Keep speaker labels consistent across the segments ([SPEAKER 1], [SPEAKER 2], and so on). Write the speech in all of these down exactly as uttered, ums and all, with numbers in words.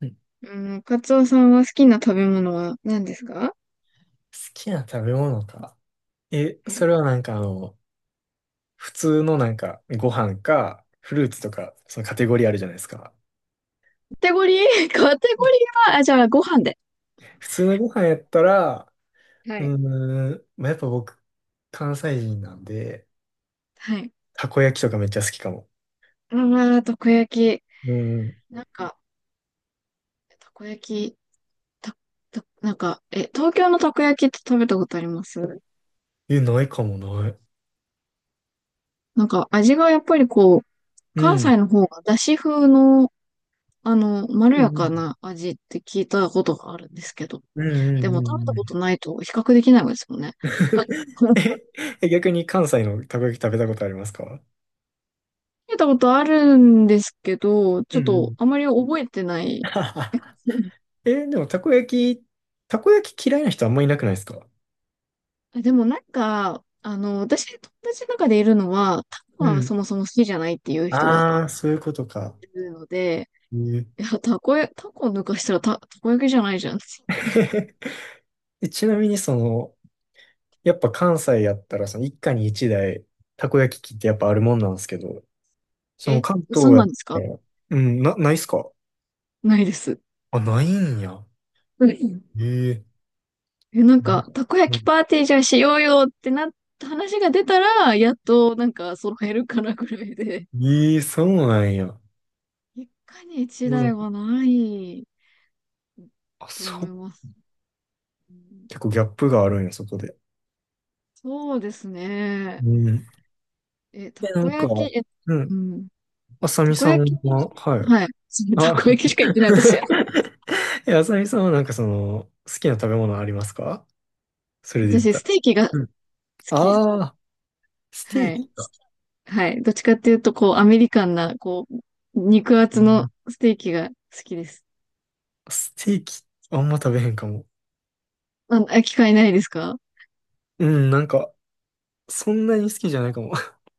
[SPEAKER 1] うん好
[SPEAKER 2] うん、カツオさんは好きな食べ物は何ですか？
[SPEAKER 1] きな食べ物か。え、
[SPEAKER 2] は
[SPEAKER 1] そ
[SPEAKER 2] い。
[SPEAKER 1] れはなんかあの、普通のなんかご飯か、フルーツとか、そのカテゴリーあるじゃないですか。
[SPEAKER 2] カテゴリー カテゴリーは、あ、じゃあ、ご飯で。
[SPEAKER 1] 普通のご飯やったら、
[SPEAKER 2] は
[SPEAKER 1] う
[SPEAKER 2] い。
[SPEAKER 1] ーん、まあ、やっぱ僕、関西人なんで、
[SPEAKER 2] はい。
[SPEAKER 1] たこ焼きとかめっちゃ好きかも。
[SPEAKER 2] ああ、たこ焼き。
[SPEAKER 1] うん。
[SPEAKER 2] なんか、たこ焼き、た、た、なんか、え、東京のたこ焼きって食べたことあります？
[SPEAKER 1] え、ないかもない。
[SPEAKER 2] なんか、味がやっぱりこう、
[SPEAKER 1] う
[SPEAKER 2] 関西
[SPEAKER 1] ん。
[SPEAKER 2] の方がだし風の、あの、まろ
[SPEAKER 1] う
[SPEAKER 2] やか
[SPEAKER 1] ん
[SPEAKER 2] な味って聞いたことがあるんですけど、
[SPEAKER 1] うんうんう
[SPEAKER 2] で
[SPEAKER 1] ん
[SPEAKER 2] も
[SPEAKER 1] う
[SPEAKER 2] 食べた
[SPEAKER 1] んう
[SPEAKER 2] こと
[SPEAKER 1] ん。
[SPEAKER 2] ないと比較できないですもんね。
[SPEAKER 1] え、え逆に関西のたこ焼き食べたことありますか？
[SPEAKER 2] 食べたことあるんですけど、ち
[SPEAKER 1] う
[SPEAKER 2] ょっ
[SPEAKER 1] んう
[SPEAKER 2] と
[SPEAKER 1] ん。
[SPEAKER 2] あまり覚えてない。
[SPEAKER 1] え、でもたこ焼き、たこ焼き嫌いな人あんまいなくないですか？
[SPEAKER 2] あでもなんか、あの、私、友達の中でいるのは、タコ
[SPEAKER 1] う
[SPEAKER 2] は
[SPEAKER 1] ん。
[SPEAKER 2] そもそも好きじゃないっていう人が
[SPEAKER 1] ああ、そういうことか。
[SPEAKER 2] いるので、
[SPEAKER 1] ええ。
[SPEAKER 2] いや、タコや、タコ抜かしたらタ、タコ焼きじゃないじゃん。
[SPEAKER 1] えちなみにその、やっぱ関西やったら、その一家に一台、たこ焼き器ってやっぱあるもんなんですけど、その
[SPEAKER 2] え、
[SPEAKER 1] 関東
[SPEAKER 2] 嘘
[SPEAKER 1] や
[SPEAKER 2] なん
[SPEAKER 1] っ
[SPEAKER 2] です
[SPEAKER 1] た
[SPEAKER 2] か？
[SPEAKER 1] ら、うん、な、ないっすか？
[SPEAKER 2] ないです。
[SPEAKER 1] あ、ないんや。
[SPEAKER 2] うん。
[SPEAKER 1] ええ、
[SPEAKER 2] え、なん
[SPEAKER 1] なん
[SPEAKER 2] か、
[SPEAKER 1] か、
[SPEAKER 2] たこ
[SPEAKER 1] う
[SPEAKER 2] 焼き
[SPEAKER 1] ん。
[SPEAKER 2] パーティーじゃあしようよってなった話が出たら、やっとなんか揃えるかなぐらいで、
[SPEAKER 1] ええそうなんや。
[SPEAKER 2] 一家に一
[SPEAKER 1] う
[SPEAKER 2] 台
[SPEAKER 1] ん。
[SPEAKER 2] はない
[SPEAKER 1] あ、
[SPEAKER 2] と
[SPEAKER 1] そ
[SPEAKER 2] 思い
[SPEAKER 1] う。
[SPEAKER 2] ます。うん。
[SPEAKER 1] 結構ギャップがあるんや、そこで。
[SPEAKER 2] そうですね。
[SPEAKER 1] うん。
[SPEAKER 2] え、た
[SPEAKER 1] で、な
[SPEAKER 2] こ
[SPEAKER 1] んか、
[SPEAKER 2] 焼き、え、
[SPEAKER 1] う
[SPEAKER 2] う
[SPEAKER 1] ん。
[SPEAKER 2] ん。
[SPEAKER 1] あさ
[SPEAKER 2] た
[SPEAKER 1] み
[SPEAKER 2] こ
[SPEAKER 1] さ
[SPEAKER 2] 焼
[SPEAKER 1] んは、
[SPEAKER 2] き、
[SPEAKER 1] はい。
[SPEAKER 2] はい。た
[SPEAKER 1] あ、
[SPEAKER 2] こ焼きしか言ってない、私。
[SPEAKER 1] え、あさみさんはなんかその、好きな食べ物ありますか？そ れで言っ
[SPEAKER 2] 私、
[SPEAKER 1] た
[SPEAKER 2] ス
[SPEAKER 1] ら。
[SPEAKER 2] テーキが好
[SPEAKER 1] うん。
[SPEAKER 2] き。
[SPEAKER 1] ああ、ステ
[SPEAKER 2] は
[SPEAKER 1] ー
[SPEAKER 2] い。
[SPEAKER 1] キか。
[SPEAKER 2] はい。どっちかっていうと、こう、アメリカンな、こう、肉
[SPEAKER 1] う
[SPEAKER 2] 厚の
[SPEAKER 1] ん。
[SPEAKER 2] ステーキが好きです。
[SPEAKER 1] ステーキ、あんま食べへんかも。
[SPEAKER 2] あ、あ機会ないですか？
[SPEAKER 1] うん、なんか、そんなに好きじゃないかも。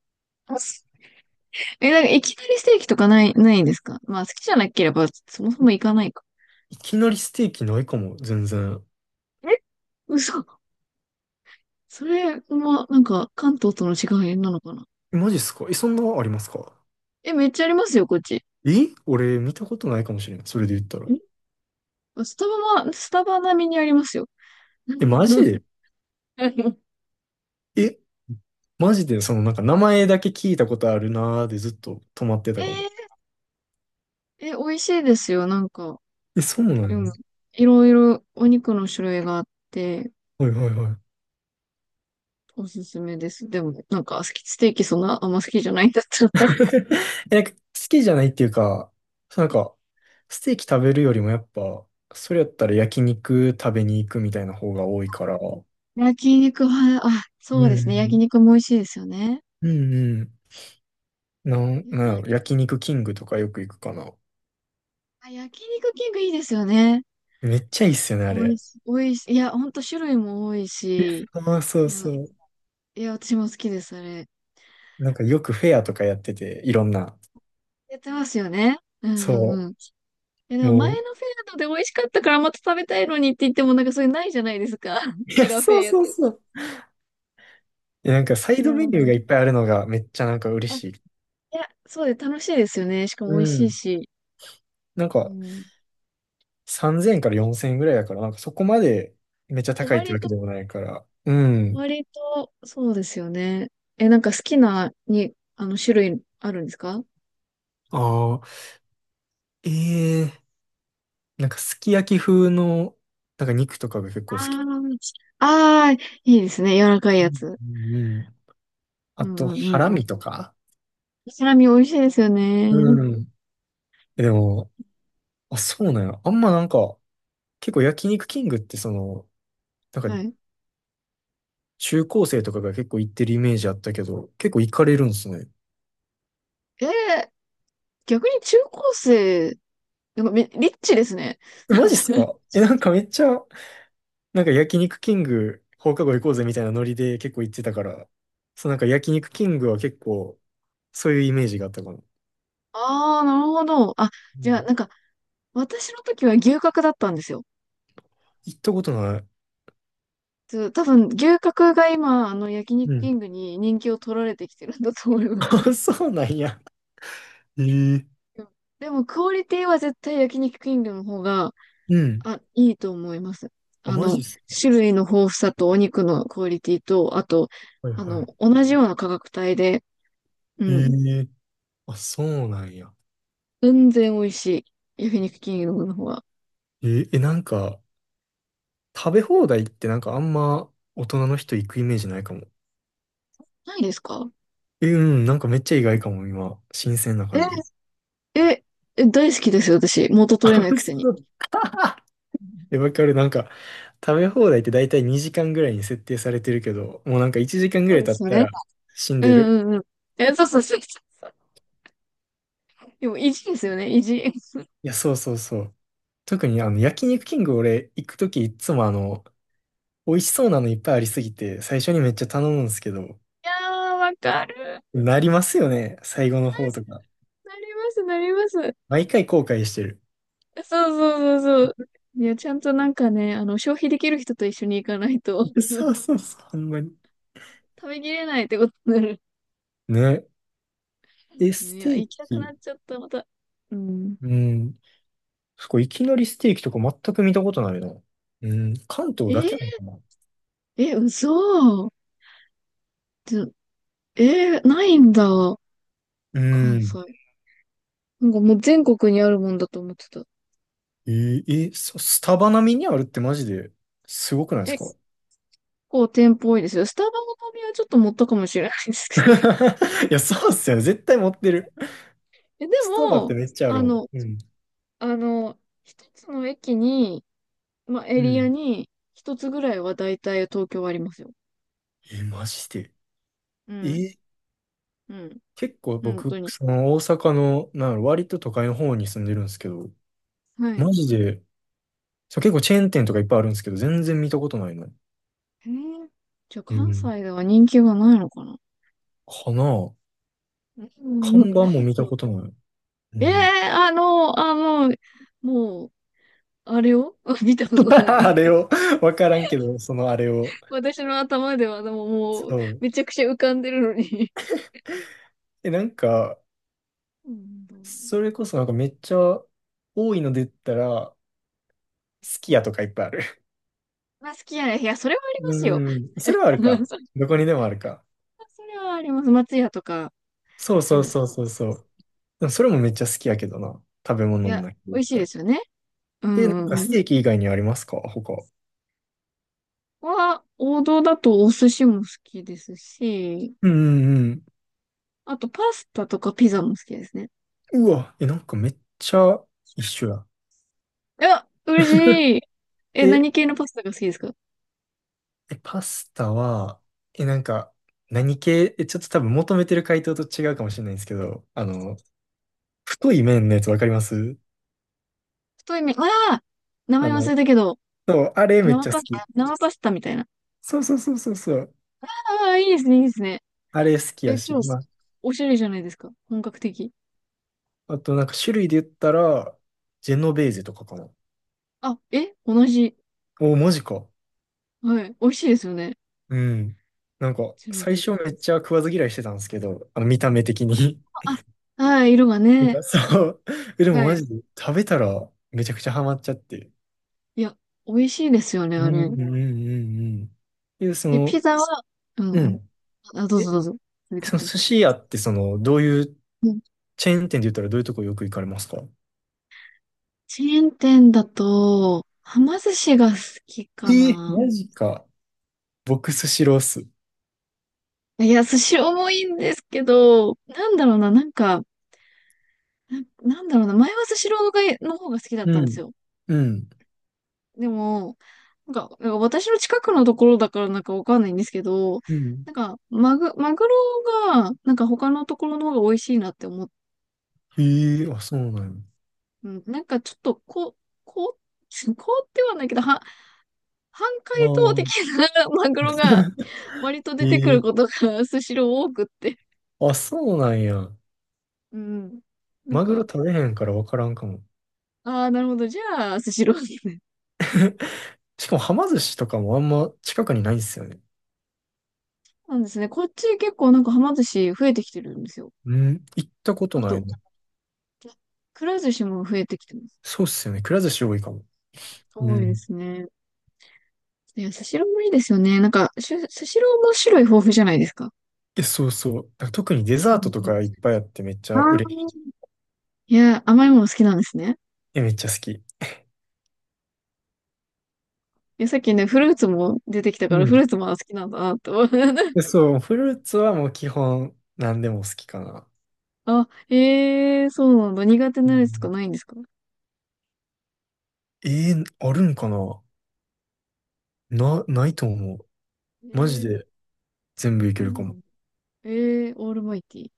[SPEAKER 2] あす え、なんか、いきなりステーキとかない、ないんですか？まあ、好きじゃなければ、そもそも行かないか。
[SPEAKER 1] いきなりステーキないかも、全然。
[SPEAKER 2] え、嘘。それは、なんか、関東との違いなのかな？
[SPEAKER 1] えマジっすか？え、そんなありますか？
[SPEAKER 2] え、めっちゃありますよ、こっち。
[SPEAKER 1] え俺、見たことないかもしれん。それで言ったら。
[SPEAKER 2] スタバは、スタバ並みにありますよ。
[SPEAKER 1] え、マジ で？
[SPEAKER 2] えー、
[SPEAKER 1] え、マジで、その、なんか、名前だけ聞いたことあるなーでずっと止まってたかも。
[SPEAKER 2] え、美味しいですよ、なんか。
[SPEAKER 1] え、そうな
[SPEAKER 2] うん。
[SPEAKER 1] の？
[SPEAKER 2] いろいろお肉の種類があって、
[SPEAKER 1] はいはいはい。
[SPEAKER 2] おすすめです。でも、なんか、好き、ステーキそんなあんま好きじゃないんだったら。
[SPEAKER 1] え、なんか好きじゃないっていうか、そうなんか、ステーキ食べるよりもやっぱ、それやったら焼肉食べに行くみたいな方が多いから、う
[SPEAKER 2] 焼肉は、あ、そうですね。焼
[SPEAKER 1] ん
[SPEAKER 2] 肉も美味しいですよね。
[SPEAKER 1] うんうん。なん、
[SPEAKER 2] 焼
[SPEAKER 1] なん
[SPEAKER 2] 肉、
[SPEAKER 1] やろ、焼肉キングとかよく行くかな。
[SPEAKER 2] あ、焼肉キングいいですよね。
[SPEAKER 1] めっちゃいいっすよね、あ
[SPEAKER 2] 美味
[SPEAKER 1] れ。
[SPEAKER 2] しい、美味しい。いや、ほんと種類も多いし、
[SPEAKER 1] ああ、そう
[SPEAKER 2] いや、
[SPEAKER 1] そう。
[SPEAKER 2] いや、私も好きです、あれ。
[SPEAKER 1] なんかよくフェアとかやってて、いろんな。
[SPEAKER 2] やってますよね。うんうんう
[SPEAKER 1] そ
[SPEAKER 2] ん。いや、で
[SPEAKER 1] う。
[SPEAKER 2] も前
[SPEAKER 1] もう。
[SPEAKER 2] のフェアので美味しかったからまた食べたいのにって言ってもなんかそれないじゃないですか。
[SPEAKER 1] い
[SPEAKER 2] 違
[SPEAKER 1] や、
[SPEAKER 2] うフェ
[SPEAKER 1] そ
[SPEAKER 2] ア
[SPEAKER 1] う
[SPEAKER 2] やっ
[SPEAKER 1] そう
[SPEAKER 2] てる
[SPEAKER 1] そ
[SPEAKER 2] と。
[SPEAKER 1] う。え、なんかサイ
[SPEAKER 2] いや
[SPEAKER 1] ドメニュー
[SPEAKER 2] ー、
[SPEAKER 1] がいっぱいあるのがめっちゃなんか嬉
[SPEAKER 2] あ、い
[SPEAKER 1] しい。
[SPEAKER 2] や、そうで楽しいですよね。しか
[SPEAKER 1] う
[SPEAKER 2] も美味しい
[SPEAKER 1] ん。
[SPEAKER 2] し。
[SPEAKER 1] なん
[SPEAKER 2] う
[SPEAKER 1] か
[SPEAKER 2] ん。
[SPEAKER 1] さんぜんからよんせんえんぐらいだから、なんかそこまでめっちゃ高いって
[SPEAKER 2] 割
[SPEAKER 1] わけ
[SPEAKER 2] と、
[SPEAKER 1] でもないから。うん。
[SPEAKER 2] 割と、そうですよね。え、なんか好きな、に、あの、種類あるんですか？
[SPEAKER 1] ああ、ええ、なんかすき焼き風の、なんか肉とかが結構
[SPEAKER 2] あ
[SPEAKER 1] 好き。
[SPEAKER 2] あー、あーいいですね。柔らかい
[SPEAKER 1] う
[SPEAKER 2] や
[SPEAKER 1] ん
[SPEAKER 2] つ。
[SPEAKER 1] うんうん。あ
[SPEAKER 2] うん
[SPEAKER 1] と、
[SPEAKER 2] うんう
[SPEAKER 1] ハ
[SPEAKER 2] ん
[SPEAKER 1] ラ
[SPEAKER 2] うん。
[SPEAKER 1] ミとか。
[SPEAKER 2] サラミ美味しいですよね。
[SPEAKER 1] うん。でも、あ、そうなんや。あんまなんか、結構焼肉キングってその、なん
[SPEAKER 2] は
[SPEAKER 1] か
[SPEAKER 2] い。
[SPEAKER 1] 中高生とかが結構行ってるイメージあったけど、結構行かれるんですね。
[SPEAKER 2] えー、逆に中高生、なんかめ、リッチですね。
[SPEAKER 1] えマジっす か？え、なんかめっちゃなんか焼肉キング放課後行こうぜみたいなノリで結構行ってたから、そうなんか焼肉キングは結構そういうイメージがあったかな。
[SPEAKER 2] ああ、なるほど。あ、
[SPEAKER 1] う
[SPEAKER 2] じ
[SPEAKER 1] ん、
[SPEAKER 2] ゃあ、なんか、私の時は牛角だったんですよ。
[SPEAKER 1] 行ったことない。
[SPEAKER 2] そう多分、牛角が今、あの、焼肉
[SPEAKER 1] う
[SPEAKER 2] キ
[SPEAKER 1] ん。
[SPEAKER 2] ングに人気を取られてきてるんだと思います。う ん。
[SPEAKER 1] あ、そうなんや。ええ。
[SPEAKER 2] でも、クオリティは絶対焼肉キングの方が、
[SPEAKER 1] うん。
[SPEAKER 2] あ、いいと思います。
[SPEAKER 1] あ、
[SPEAKER 2] あ
[SPEAKER 1] マジ
[SPEAKER 2] の、
[SPEAKER 1] っすか。
[SPEAKER 2] 種類の豊富さとお肉のクオリティと、あと、
[SPEAKER 1] はい
[SPEAKER 2] あの、
[SPEAKER 1] は
[SPEAKER 2] 同じような価格帯で、う
[SPEAKER 1] い。
[SPEAKER 2] ん、
[SPEAKER 1] ええ、あ、そうなんや。
[SPEAKER 2] 全然美味しい。焼肉キングの方が。
[SPEAKER 1] え、え、なんか、食べ放題ってなんかあんま大人の人行くイメージないかも。
[SPEAKER 2] ないですか？
[SPEAKER 1] え、うん、なんかめっちゃ意外かも、今。新鮮な
[SPEAKER 2] え、
[SPEAKER 1] 感じ。
[SPEAKER 2] え、え、大好きですよ、私。元取れないくせに。
[SPEAKER 1] で、わかる。なんか、食べ放題って大体にじかんぐらいに設定されてるけど、もうなんかいちじかんぐ
[SPEAKER 2] そ
[SPEAKER 1] ら
[SPEAKER 2] う
[SPEAKER 1] い
[SPEAKER 2] で
[SPEAKER 1] 経っ
[SPEAKER 2] すよ
[SPEAKER 1] た
[SPEAKER 2] ね。
[SPEAKER 1] ら死ん
[SPEAKER 2] うん
[SPEAKER 1] でる。
[SPEAKER 2] うんうん。え、そうそうそうそう でも、意地ですよね、意地。い
[SPEAKER 1] いや、そうそうそう。特にあの、焼肉キング俺行くときいつもあの、美味しそうなのいっぱいありすぎて、最初にめっちゃ頼むんですけど、
[SPEAKER 2] やー、わかる。
[SPEAKER 1] なりますよね。最後の方とか。
[SPEAKER 2] なります、なります。そう
[SPEAKER 1] 毎回後悔してる。
[SPEAKER 2] そうそうそう。いや、ちゃんとなんかね、あの、消費できる人と一緒に行かないと、
[SPEAKER 1] そ うそうそう、ほんまに。
[SPEAKER 2] 食べきれないってことになる。
[SPEAKER 1] ね。え、ス
[SPEAKER 2] いや、
[SPEAKER 1] テー
[SPEAKER 2] 行きたくな
[SPEAKER 1] キ。
[SPEAKER 2] っちゃった、また。うん。
[SPEAKER 1] うん。そこいきなりステーキとか全く見たことないな。うん。関東
[SPEAKER 2] え
[SPEAKER 1] だ
[SPEAKER 2] ー、
[SPEAKER 1] けなのかな。
[SPEAKER 2] え、嘘。ちょえー、ないんだ。
[SPEAKER 1] う
[SPEAKER 2] 関西。
[SPEAKER 1] ん。
[SPEAKER 2] なんかもう全国にあるもんだと思ってた。
[SPEAKER 1] えー、えーそスタバ並みにあるってマジですごくないで
[SPEAKER 2] え、
[SPEAKER 1] すか？
[SPEAKER 2] 結構店舗多いですよ。スタバの旅はちょっと持ったかもしれないですけど。
[SPEAKER 1] いや、そうっすよね。絶対持ってる。
[SPEAKER 2] え、で
[SPEAKER 1] スタバっ
[SPEAKER 2] も、
[SPEAKER 1] てめっちゃある
[SPEAKER 2] あ
[SPEAKER 1] も
[SPEAKER 2] の、
[SPEAKER 1] ん。うん。
[SPEAKER 2] あの、一つの駅に、まあ、エ
[SPEAKER 1] う
[SPEAKER 2] リア
[SPEAKER 1] ん。
[SPEAKER 2] に、一つぐらいは大体東京はありますよ。
[SPEAKER 1] えー、マジで。
[SPEAKER 2] う
[SPEAKER 1] え
[SPEAKER 2] ん。
[SPEAKER 1] ー、
[SPEAKER 2] うん。
[SPEAKER 1] 結構
[SPEAKER 2] 本
[SPEAKER 1] 僕、
[SPEAKER 2] 当に。
[SPEAKER 1] その大阪の、なんやろ割と都会の方に住んでるんですけど、
[SPEAKER 2] はい。
[SPEAKER 1] マジで、そう、結構チェーン店とかいっぱいあるんですけど、全然見たことないの。
[SPEAKER 2] へえ。じゃあ
[SPEAKER 1] う
[SPEAKER 2] 関
[SPEAKER 1] ん。
[SPEAKER 2] 西では人気がないのかな？
[SPEAKER 1] かな？あ、
[SPEAKER 2] うん。
[SPEAKER 1] 看
[SPEAKER 2] うん。
[SPEAKER 1] 板も見た
[SPEAKER 2] そ
[SPEAKER 1] こ
[SPEAKER 2] う
[SPEAKER 1] とない。う
[SPEAKER 2] え
[SPEAKER 1] ん。
[SPEAKER 2] え。あの、あの、もう、あれを 見たこと ない。
[SPEAKER 1] あれを、わからんけど、そのあれを。
[SPEAKER 2] 私の頭では、でももう、
[SPEAKER 1] そう。
[SPEAKER 2] めちゃくちゃ浮かんでるのに。
[SPEAKER 1] え、なんか、
[SPEAKER 2] うん。
[SPEAKER 1] それこそなんかめっちゃ多いので言ったら、すき家とかいっぱいある。
[SPEAKER 2] まあ、好きやね。いや、それはありますよ。
[SPEAKER 1] うん。それはあるか。どこにでもあるか。
[SPEAKER 2] それはあります。松屋とか。
[SPEAKER 1] そう
[SPEAKER 2] い
[SPEAKER 1] そ
[SPEAKER 2] や、
[SPEAKER 1] う
[SPEAKER 2] い
[SPEAKER 1] そうそうそう。でもそれもめっちゃ好きやけどな。食べ物の
[SPEAKER 2] や、
[SPEAKER 1] 中で言っ
[SPEAKER 2] 美味しい
[SPEAKER 1] た
[SPEAKER 2] で
[SPEAKER 1] ら。
[SPEAKER 2] すよね。うんう
[SPEAKER 1] え、なんか
[SPEAKER 2] ん
[SPEAKER 1] ス
[SPEAKER 2] うん。こ
[SPEAKER 1] テーキ以外にありますか他。
[SPEAKER 2] こは、王道だとお寿司も好きですし、
[SPEAKER 1] うんうん
[SPEAKER 2] あとパスタとかピザも好きですね。
[SPEAKER 1] うん。うわ、え、なんかめっちゃ一緒や。
[SPEAKER 2] いや、嬉しい。え、
[SPEAKER 1] え、
[SPEAKER 2] 何系のパスタが好きですか？
[SPEAKER 1] え、パスタは、え、なんか、何系、え、ちょっと多分求めてる回答と違うかもしれないんですけど、あの、太い麺のやつわかります？
[SPEAKER 2] 太い麺、ああ、名
[SPEAKER 1] あ
[SPEAKER 2] 前
[SPEAKER 1] の、
[SPEAKER 2] 忘れたけど、
[SPEAKER 1] そう、あれめっ
[SPEAKER 2] 生
[SPEAKER 1] ちゃ
[SPEAKER 2] パ、
[SPEAKER 1] 好き。
[SPEAKER 2] 生パスタみたいな。
[SPEAKER 1] そうそうそうそうそう。
[SPEAKER 2] ああ、いいですね、いいですね。
[SPEAKER 1] あれ好き
[SPEAKER 2] え、
[SPEAKER 1] やし。
[SPEAKER 2] 超、
[SPEAKER 1] ま
[SPEAKER 2] おしゃれじゃないですか。本格的。
[SPEAKER 1] あ、あとなんか種類で言ったら、ジェノベーゼとかかな。
[SPEAKER 2] あ、え、同じ。
[SPEAKER 1] お、マジか。
[SPEAKER 2] はい。美味しいですよね。
[SPEAKER 1] うん。なんか、
[SPEAKER 2] うちの
[SPEAKER 1] 最
[SPEAKER 2] や、
[SPEAKER 1] 初めっちゃ食わず嫌いしてたんですけど、あの見た目的に。
[SPEAKER 2] あ、はい、色が
[SPEAKER 1] なん
[SPEAKER 2] ね。
[SPEAKER 1] かそう。えでも
[SPEAKER 2] は
[SPEAKER 1] マ
[SPEAKER 2] い。
[SPEAKER 1] ジで食べたらめちゃくちゃハマっちゃって。
[SPEAKER 2] いや、美味しいですよね、
[SPEAKER 1] う
[SPEAKER 2] あ
[SPEAKER 1] んう
[SPEAKER 2] れ。
[SPEAKER 1] んうんうん。え、そ
[SPEAKER 2] え、ピ
[SPEAKER 1] の、
[SPEAKER 2] ザは、うん
[SPEAKER 1] う
[SPEAKER 2] うん。
[SPEAKER 1] ん。
[SPEAKER 2] あ、どう
[SPEAKER 1] え、
[SPEAKER 2] ぞどうぞ。続け
[SPEAKER 1] そ
[SPEAKER 2] て
[SPEAKER 1] の
[SPEAKER 2] くださ
[SPEAKER 1] 寿司屋ってその、どういう
[SPEAKER 2] い。うん。
[SPEAKER 1] チェーン店で言ったらどういうとこよく行かれますか？
[SPEAKER 2] チェーン店だと、はま寿司が好き
[SPEAKER 1] え
[SPEAKER 2] か
[SPEAKER 1] ー
[SPEAKER 2] な。
[SPEAKER 1] マジか。僕、スシローっす。
[SPEAKER 2] いや、寿司重いんですけど、なんだろうな、なんか、な、なんだろうな、前はスシローがの方が好きだった
[SPEAKER 1] う
[SPEAKER 2] んです
[SPEAKER 1] ん。
[SPEAKER 2] よ。
[SPEAKER 1] うん。
[SPEAKER 2] でも、なんか、なんか私の近くのところだからなんかわかんないんですけど、
[SPEAKER 1] うん。
[SPEAKER 2] なんか、マグ、マグロが、なんか他のところの方が美味しいなって思っ
[SPEAKER 1] ええ、
[SPEAKER 2] て、
[SPEAKER 1] あ、そうなん
[SPEAKER 2] うん、なんかちょっと、こ、こう、こうってはないけど、は、半
[SPEAKER 1] や。
[SPEAKER 2] 解凍
[SPEAKER 1] あ
[SPEAKER 2] 的
[SPEAKER 1] あ、
[SPEAKER 2] な マグロが割と出てくる
[SPEAKER 1] え
[SPEAKER 2] こ
[SPEAKER 1] え、
[SPEAKER 2] とがスシロー多くって。
[SPEAKER 1] あ、そうなんや。
[SPEAKER 2] うん。なん
[SPEAKER 1] マグロ
[SPEAKER 2] か、
[SPEAKER 1] 食べへんからわからんかも。
[SPEAKER 2] ああ、なるほど。じゃあ、スシローですね。
[SPEAKER 1] しかも、はま寿司とかもあんま近くにないんですよね。
[SPEAKER 2] なんですね。こっち結構なんかはま寿司増えてきてるんですよ。
[SPEAKER 1] うん、行ったこと
[SPEAKER 2] あ
[SPEAKER 1] ない
[SPEAKER 2] と、
[SPEAKER 1] の。
[SPEAKER 2] くら寿司も増えてきてます。
[SPEAKER 1] そうっすよね。くら寿司多いかも。う
[SPEAKER 2] 多いで
[SPEAKER 1] ん。
[SPEAKER 2] すね。いや、スシローもいいですよね。なんか、しゅスシローも種類豊富じゃないですか。
[SPEAKER 1] え、そうそう。だから特にデ
[SPEAKER 2] う
[SPEAKER 1] ザート
[SPEAKER 2] ん
[SPEAKER 1] と
[SPEAKER 2] うん。
[SPEAKER 1] かいっぱいあってめっち
[SPEAKER 2] あ
[SPEAKER 1] ゃ嬉しい。
[SPEAKER 2] あ。いや、甘いもの好きなんですね。
[SPEAKER 1] え、めっちゃ好き。
[SPEAKER 2] いや、さっきね、フルーツも出てきた
[SPEAKER 1] う
[SPEAKER 2] から、フル
[SPEAKER 1] ん。
[SPEAKER 2] ーツも好きなんだなと、
[SPEAKER 1] で、そう、フルーツはもう基本何でも好きかな。
[SPEAKER 2] あ、ええー、そうなんだ。苦手
[SPEAKER 1] う
[SPEAKER 2] なやつとか
[SPEAKER 1] ん。
[SPEAKER 2] ないんですか？
[SPEAKER 1] えー、あるんかな？な、ないと思う。
[SPEAKER 2] ええ
[SPEAKER 1] マジ
[SPEAKER 2] ー、
[SPEAKER 1] で全部い
[SPEAKER 2] そ
[SPEAKER 1] け
[SPEAKER 2] う
[SPEAKER 1] るか
[SPEAKER 2] な
[SPEAKER 1] も。
[SPEAKER 2] んだ。ええー、オールマイティー。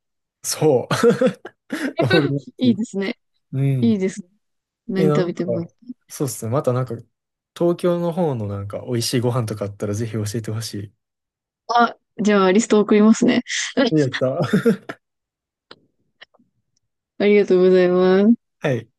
[SPEAKER 1] そう。オール マイテ
[SPEAKER 2] いい
[SPEAKER 1] ィ。
[SPEAKER 2] ですね。
[SPEAKER 1] う
[SPEAKER 2] い
[SPEAKER 1] ん。
[SPEAKER 2] いですね。何
[SPEAKER 1] え、な
[SPEAKER 2] 食べ
[SPEAKER 1] ん
[SPEAKER 2] て
[SPEAKER 1] か、
[SPEAKER 2] もいい。
[SPEAKER 1] そうっすね。またなんか、東京の方のなんか、美味しいご飯とかあったらぜひ教えてほし
[SPEAKER 2] じゃあ、リスト送りますね。
[SPEAKER 1] い。やっ た。
[SPEAKER 2] ありがとうございます。
[SPEAKER 1] はい。